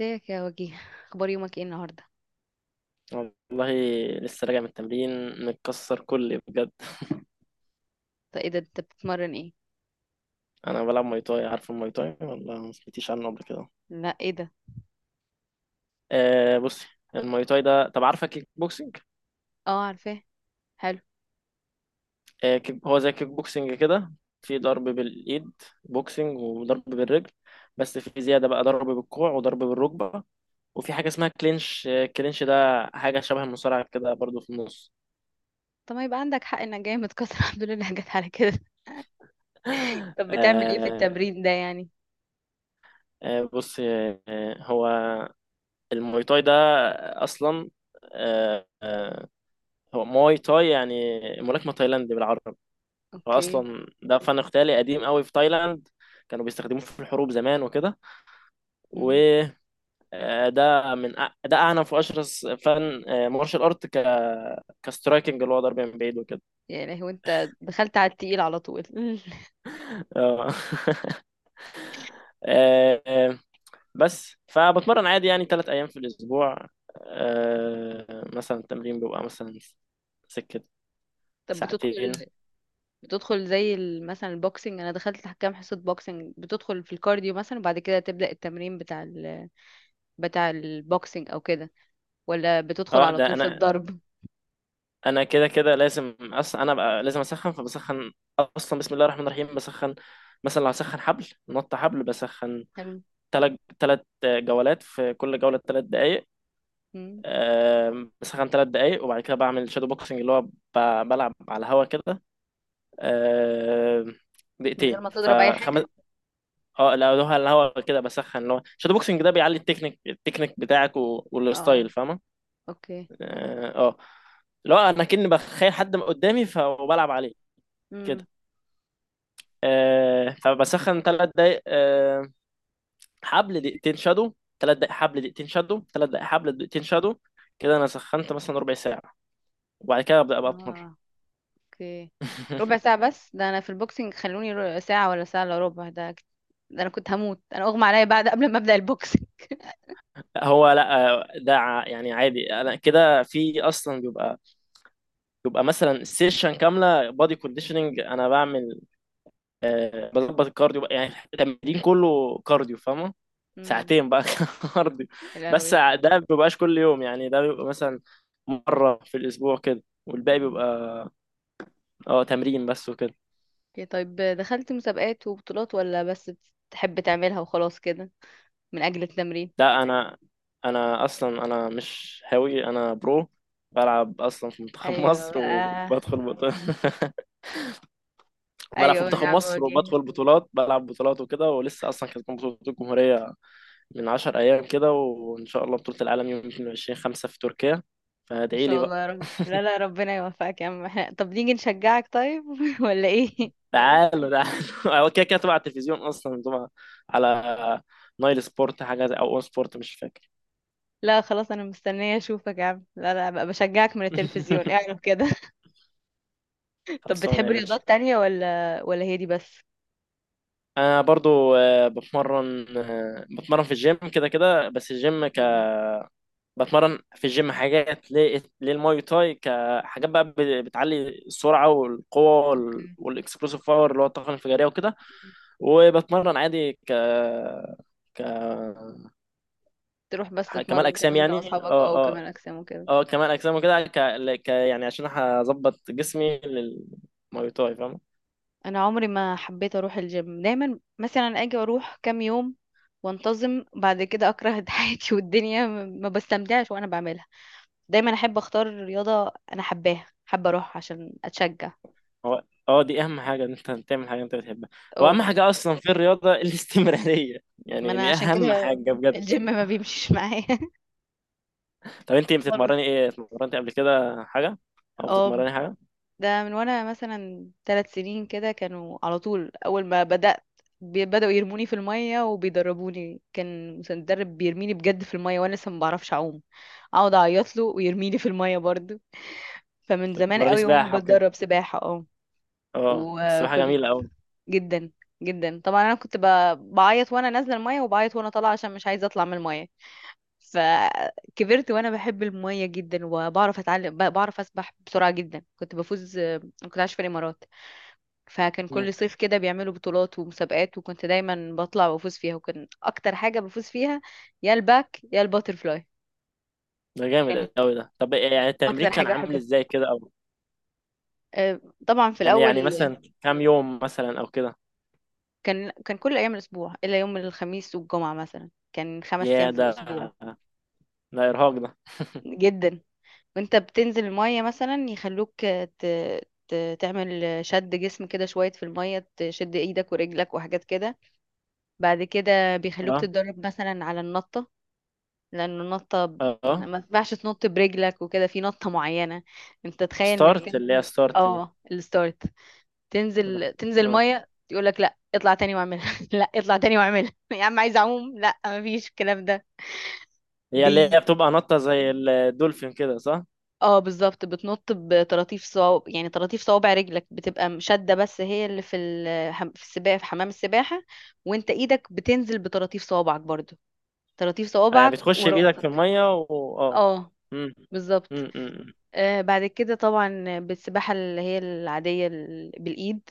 ازيك يا وجيه؟ اخبار يومك ايه النهارده؟ والله، لسه راجع من التمرين، متكسر كلي بجد. طب ايه ده؟ انت بتتمرن ايه؟ انا بلعب ماي تاي. عارف الماي تاي ولا ما سمعتيش عنه قبل كده؟ لا، ايه ده؟ آه بصي، الماي تاي ده، طب عارفه كيك بوكسينج؟ اه، عارفاه. حلو. آه كيك... هو زي كيك بوكسينج كده. في ضرب بالايد، بوكسينج، وضرب بالرجل، بس في زياده بقى ضرب بالكوع وضرب بالركبه. وفي حاجه اسمها كلينش، آه، كلينش ده حاجه شبه المصارعه كده برضو في النص. طب ما يبقى عندك حق انك جاي متكسر. الحمد لله جت على كده. طب بتعمل ايه في آه التمرين ده يعني؟ بص هو الماي تاي ده اصلا، آه آه، هو موي تاي، يعني ملاكمة تايلاندي بالعربي. اوكي. فأصلا ده فن قتالي قديم قوي في تايلاند، كانوا بيستخدموه في الحروب زمان وكده. امم. وده ده أعنف وأشرس فن، مارشال أرت، كسترايكنج، اللي هو ضرب من بعيد وكده. يا لهوي! انت دخلت على التقيل على طول. آه. آه، آه، بس فبتمرن عادي يعني ثلاث أيام في الأسبوع. مثلا التمرين بيبقى مثلا سكة طب ساعتين. بتدخل زي مثلا البوكسنج، انا دخلت كام حصة بوكسنج، بتدخل في الكارديو مثلا وبعد كده تبدأ التمرين بتاع البوكسنج او كده؟ ولا بتدخل اه على ده طول في انا الضرب؟ انا كده كده لازم، اصلا انا بقى لازم اسخن، فبسخن. اصلا بسم الله الرحمن الرحيم، بسخن. مثلا لو هسخن حبل، نط حبل، بسخن حلو. تلات جولات، في كل جولة تلات دقايق. مم. بسخن تلات دقايق، وبعد كده بعمل شادو بوكسنج، اللي هو بلعب على الهوا كده. آم، من غير دقيقتين ما تضرب اي فخمس. حاجة؟ اه لا، هو على الهوا كده، بسخن، اللي هو شادو بوكسنج ده بيعلي التكنيك، التكنيك بتاعك اه. والستايل، فاهمة؟ اوكي. اه. اللي هو انا كني بخيل حد قدامي، فبلعب عليه امم. كده. آه، فبسخن ثلاث دقايق، آه، حبل دقيقتين شادو، ثلاث دقايق حبل دقيقتين شادو، ثلاث دقايق حبل دقيقتين شادو. كده انا سخنت مثلا ربع ساعة، وبعد كده ابدا ابقى اطمر. اه. اوكي. ربع ساعة بس؟ ده انا في البوكسينج خلوني ساعة ولا ساعة الا ربع. ده ده انا كنت هموت، انا اغمى عليا بعد قبل ما ابدأ البوكسينج. هو لا، آه، ده يعني عادي. انا كده في اصلا بيبقى مثلا سيشن كامله بادي كونديشننج انا بعمل، آه، بظبط الكارديو بقى، يعني التمرين كله كارديو، فاهمه؟ امم. ساعتين بقى كارديو. يا بس لهوي! ده ما بيبقاش كل يوم، يعني ده بيبقى مثلا مره في الاسبوع كده، والباقي امم. بيبقى اه تمرين بس وكده. اوكي. طيب دخلت مسابقات وبطولات، ولا بس بتحب تعملها وخلاص كده من اجل التمرين؟ لا انا، انا اصلا انا مش هاوي، انا برو. بلعب اصلا في منتخب ايوه مصر، بقى! وبدخل بطولة. بلعب ايوه في بقى يا منتخب عم مصر وجيه! وبدخل بطولات، بلعب بطولات وكده. ولسه اصلا كانت بطولة الجمهورية من 10 ايام كده، وان شاء الله بطولة العالم يوم 22 5 في تركيا، ان فادعي لي شاء الله يا بقى. رب. لا، لا، ربنا يوفقك يا عم. احنا طب نيجي نشجعك طيب؟ ولا ايه؟ تعالوا تعالوا هو كده كده تبع التلفزيون، اصلا تبع، على نايل سبورت، او اون سبورت، مش فاكر. لا خلاص، انا مستنيه اشوفك يا عم. لا، لا بقى، بشجعك من التلفزيون اعرف كده. طب خلصانة بتحب يا باشا. رياضات تانية، ولا هي دي بس؟ انا برضو، بتمرن، بتمرن في الجيم كده كده. بس الجيم مم. بتمرن في الجيم حاجات للماي تاي، كحاجات بقى بتعلي السرعه والقوه اوكي، والاكسبلوسيف باور، اللي هو الطاقه الانفجاريه وكده. وبتمرن عادي ك تروح بس كمال تتمرن كده اجسام، انت يعني واصحابك اه، اه، اه وكمال اجسام وكده؟ اه كمال اجسام وكده، يعني عشان هظبط جسمي للماي تاي، فاهم؟ انا عمري ما حبيت اروح الجيم. دايما مثلا اجي اروح كام يوم وانتظم، بعد كده اكره حياتي والدنيا، ما بستمتعش وانا بعملها. دايما احب اختار رياضة انا حباها، حابة اروح عشان اتشجع. هو اه دي اهم حاجه، ان انت تعمل حاجه انت بتحبها. هو اه، اهم حاجه اصلا في الرياضه الاستمراريه، ما يعني انا دي عشان كده اهم حاجه بجد. الجيم ما بيمشيش معايا. طب انت خالص. بتتمرني ايه؟ اتمرنتي قبل كده حاجه او اه، بتتمرني حاجه؟ ده من وانا مثلا 3 سنين كده. كانوا على طول اول ما بدأت، بدأوا يرموني في المية وبيدربوني. كان مدرب بيرميني بجد في المية وانا لسه ما بعرفش اعوم. اقعد اعيط له ويرميني في المية برضو. فمن زمان بتتمرني قوي وانا سباحه، اوكي. بتدرب سباحة. اه، اه السباحه وكنت جميله قوي. جدا، جدا طبعا. انا كنت بعيط وانا نازلة المية، وبعيط وانا طالعة عشان مش عايزة اطلع من المية. فكبرت وانا بحب المية جدا، وبعرف اتعلم، بعرف اسبح بسرعة جدا، كنت بفوز. كنت عايشة في الامارات، فكان مم. كل صيف كده بيعملوا بطولات ومسابقات، وكنت دايما بطلع وافوز فيها، وكان اكتر حاجه بفوز فيها يا الباك يا الباترفلاي. ده جامد كانت قوي ده. طب إيه يعني التمرين اكتر كان حاجه عامل احبها. ازاي كده او آه، طبعا في كان الاول يعني مثلا كام يوم مثلا او كده؟ كان كل ايام الاسبوع الا يوم الخميس والجمعه. مثلا كان 5 ايام يا في ده، الاسبوع. ده ارهاق ده. جدا. وانت بتنزل الميه مثلا، يخلوك تعمل شد جسم كده شوية في المية، تشد ايدك ورجلك وحاجات كده. بعد كده بيخلوك اه تتدرب مثلا على النطة. لانه النطه اه ما ينفعش تنط برجلك وكده، في نطه معينه. انت تخيل انك ستارت، اللي هي تن... ستارت دي. اه الستارت. اه. تنزل آه. ميه، يقول لك لا اطلع تاني واعملها، لا اطلع تاني واعملها. يا عم عايز اعوم. لا، مفيش الكلام ده. هي بي اللي هي بتبقى نطه زي الدولفين كده صح؟ اه، بالظبط، بتنط بطراطيف صوابع. يعني طراطيف صوابع رجلك بتبقى شده، بس هي اللي في ال... حم- في السباحه في حمام السباحه. وانت ايدك بتنزل بطراطيف صوابعك برضو، طراطيف آه، صوابعك بتخش بإيدك في وراسك. المية و اه. اه مم. بالظبط. مم، مم، مم. بعد كده طبعا بالسباحة اللي هي العادية بالإيد،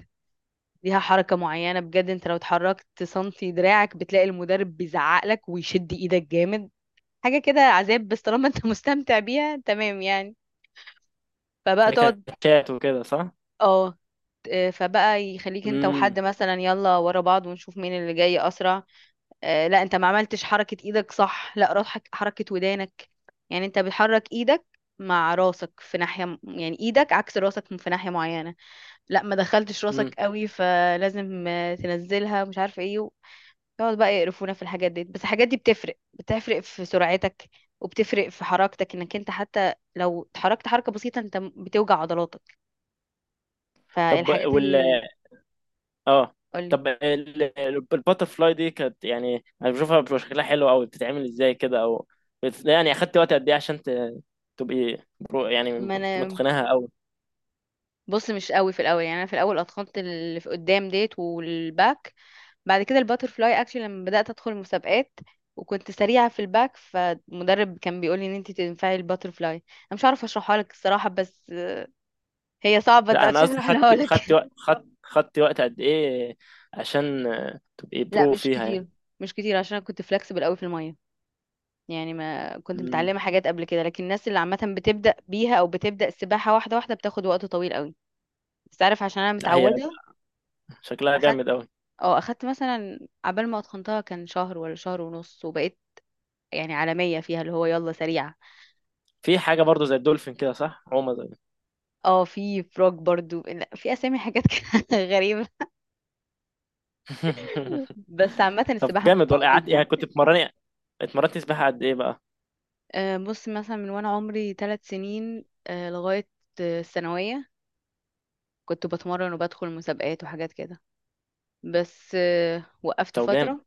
ليها حركة معينة بجد. انت لو اتحركت سنتي دراعك بتلاقي المدرب بيزعق لك ويشد ايدك جامد. حاجة كده عذاب، بس طالما انت مستمتع بيها تمام يعني. فبقى ده كان تقعد شات وكده صح؟ اه آه، فبقى يخليك انت مم. وحد مثلا يلا ورا بعض، ونشوف مين اللي جاي اسرع. لا، انت ما عملتش حركة ايدك صح. لا روح حركة ودانك. يعني انت بتحرك ايدك مع راسك في ناحية، يعني ايدك عكس راسك في ناحية معينة. لا، ما دخلتش راسك مم. قوي، فلازم تنزلها، مش عارفه ايه يقعد بقى يقرفونا في الحاجات دي. بس الحاجات دي بتفرق في سرعتك، وبتفرق في حركتك، انك انت حتى لو اتحركت حركه بسيطه انت بتوجع عضلاتك. طب فالحاجات وال اللي، اه قولي. طب الباتر فلاي دي كانت، يعني انا بشوفها بيبقى شكلها حلو قوي، بتتعمل ازاي كده او يعني اخدت وقت قد ايه عشان تبقي برو يعني، ما انا متقناها قوي؟ بص، مش قوي في الاول. يعني انا في الاول اتخنت اللي في قدام ديت والباك، بعد كده الباترفلاي اكشن لما بدات ادخل مسابقات، وكنت سريعه في الباك، فالمدرب كان بيقولي ان انت تنفعي الباترفلاي. انا مش عارفه اشرحها لك الصراحه، بس هي صعبة لا انا قصدي، عشان احرقها خدت لك. خدت وقت خدت خدت وقت قد ايه عشان تبقي لا برو مش فيها كتير، يعني؟ مش كتير عشان انا كنت فلكسبل قوي في المية. يعني ما كنت مم. متعلمة حاجات قبل كده، لكن الناس اللي عامة بتبدأ بيها او بتبدأ السباحة واحدة واحدة بتاخد وقت طويل قوي. بس تعرف عشان انا لا، هي متعودة، شكلها اخدت جامد قوي. اه اخدت مثلا عبال ما اتقنتها كان شهر ولا شهر ونص، وبقيت يعني عالمية فيها اللي هو يلا سريعة. في حاجة برضو زي الدولفين كده صح؟ عومة زي اه، في فروج برضو. لا، في اسامي حاجات كده غريبة. بس عامة طب السباحة جامد ممتعة والله. قعدت جدا. يعني كنت بتمرني، اتمرنت سباحة قد ايه بقى؟ بص، مثلا من وانا عمري 3 سنين لغاية الثانوية كنت بتمرن وبدخل مسابقات وحاجات كده. بس وقفت طب جامد. فترة.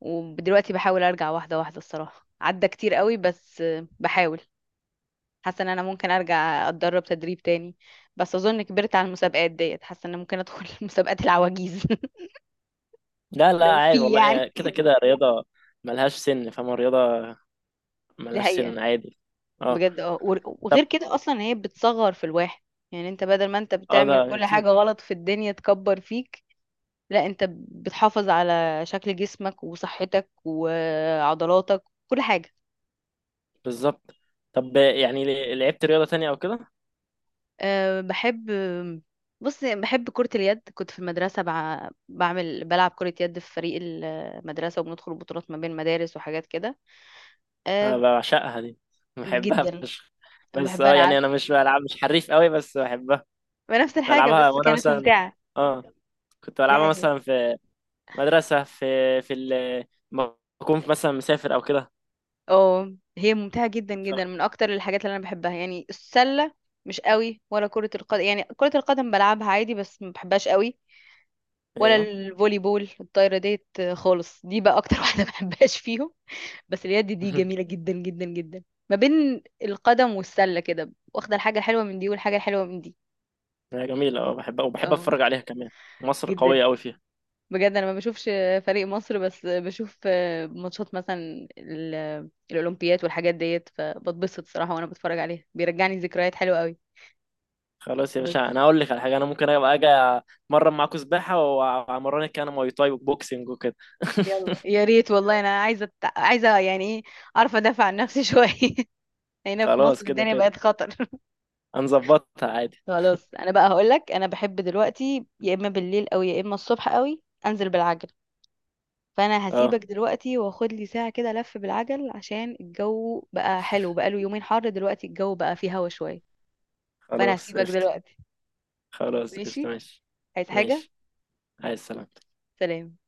ودلوقتي بحاول ارجع واحدة واحدة. الصراحة عدى كتير قوي، بس بحاول. حاسة ان انا ممكن ارجع اتدرب تدريب تاني، بس اظن كبرت على المسابقات ديت. حاسة ان أنا ممكن ادخل مسابقات العواجيز. لا لا، لو عادي في والله، يعني. يعني كده كده رياضة ملهاش سن، فاهم؟ الرياضة دي ملهاش حقيقة سن، عادي. اه. بجد. اه، طب وغير كده اصلا هي بتصغر في الواحد. يعني انت بدل ما انت اه، ده بتعمل كل اكيد. حاجة غلط في الدنيا تكبر فيك، لا، انت بتحافظ على شكل جسمك وصحتك وعضلاتك، كل حاجة. بالظبط. طب يعني لعبت رياضة تانية او كده؟ أه، بحب. بص، بحب كرة اليد. كنت في المدرسة بع... بعمل بلعب كرة يد في فريق المدرسة، وبندخل بطولات ما بين المدارس وحاجات كده. أنا أه. بعشقها دي، بحبها جدا. فشخ. بس بحب اه، انا يعني عاد انا مش بلعب، مش حريف قوي، بس بحبها. نفس الحاجة، بلعبها، بس وانا كانت مثلا ممتعة. اه كنت دي بلعبها حقيقة. مثلا في مدرسة، في ال- ما أكون مثلا مسافر أو كده. اه، هي ممتعة جدا جدا، من ف- اكتر الحاجات اللي انا بحبها. يعني السلة مش قوي ولا كرة القدم. يعني كرة القدم بلعبها عادي بس ما بحبهاش قوي. ولا أيوه. الفولي بول الطايرة ديت، خالص. دي بقى اكتر واحدة ما بحبهاش فيهم. بس اليد دي جميلة جدا، جدا، جدا. ما بين القدم والسلة كده، واخدة الحاجة الحلوة من دي والحاجة الحلوة من دي. هي جميلة أه، بحبها وبحب اه أتفرج عليها كمان. مصر جدا. قوية أوي فيها. بجد انا ما بشوفش فريق مصر، بس بشوف ماتشات مثلا الاولمبيات والحاجات ديت، فبتبسط صراحة وانا بتفرج عليها، بيرجعني ذكريات حلوة قوي. خلاص يا باشا، بس. أنا هقول لك على حاجة. أنا ممكن أبقى أجي أمرن معاكوا سباحة وأمرنك أنا مواي تاي وبوكسنج وكده. يلا يا ريت والله، انا عايزه يعني ايه، اعرف ادافع عن نفسي شويه. هنا في خلاص مصر كده الدنيا كده بقت خطر. هنظبطها عادي. خلاص. انا بقى هقول لك، انا بحب دلوقتي يا اما بالليل او يا اما الصبح قوي انزل بالعجل. فانا أه هسيبك دلوقتي، واخد لي ساعة كده لف بالعجل عشان الجو بقى حلو، بقى له يومين حر، دلوقتي الجو بقى فيه هوا شوية. فانا خلاص هسيبك قشطة. دلوقتي. خلاص قشطة، ماشي. ماشي. عايز حاجة؟ ماشي. عايز سلام. سلام.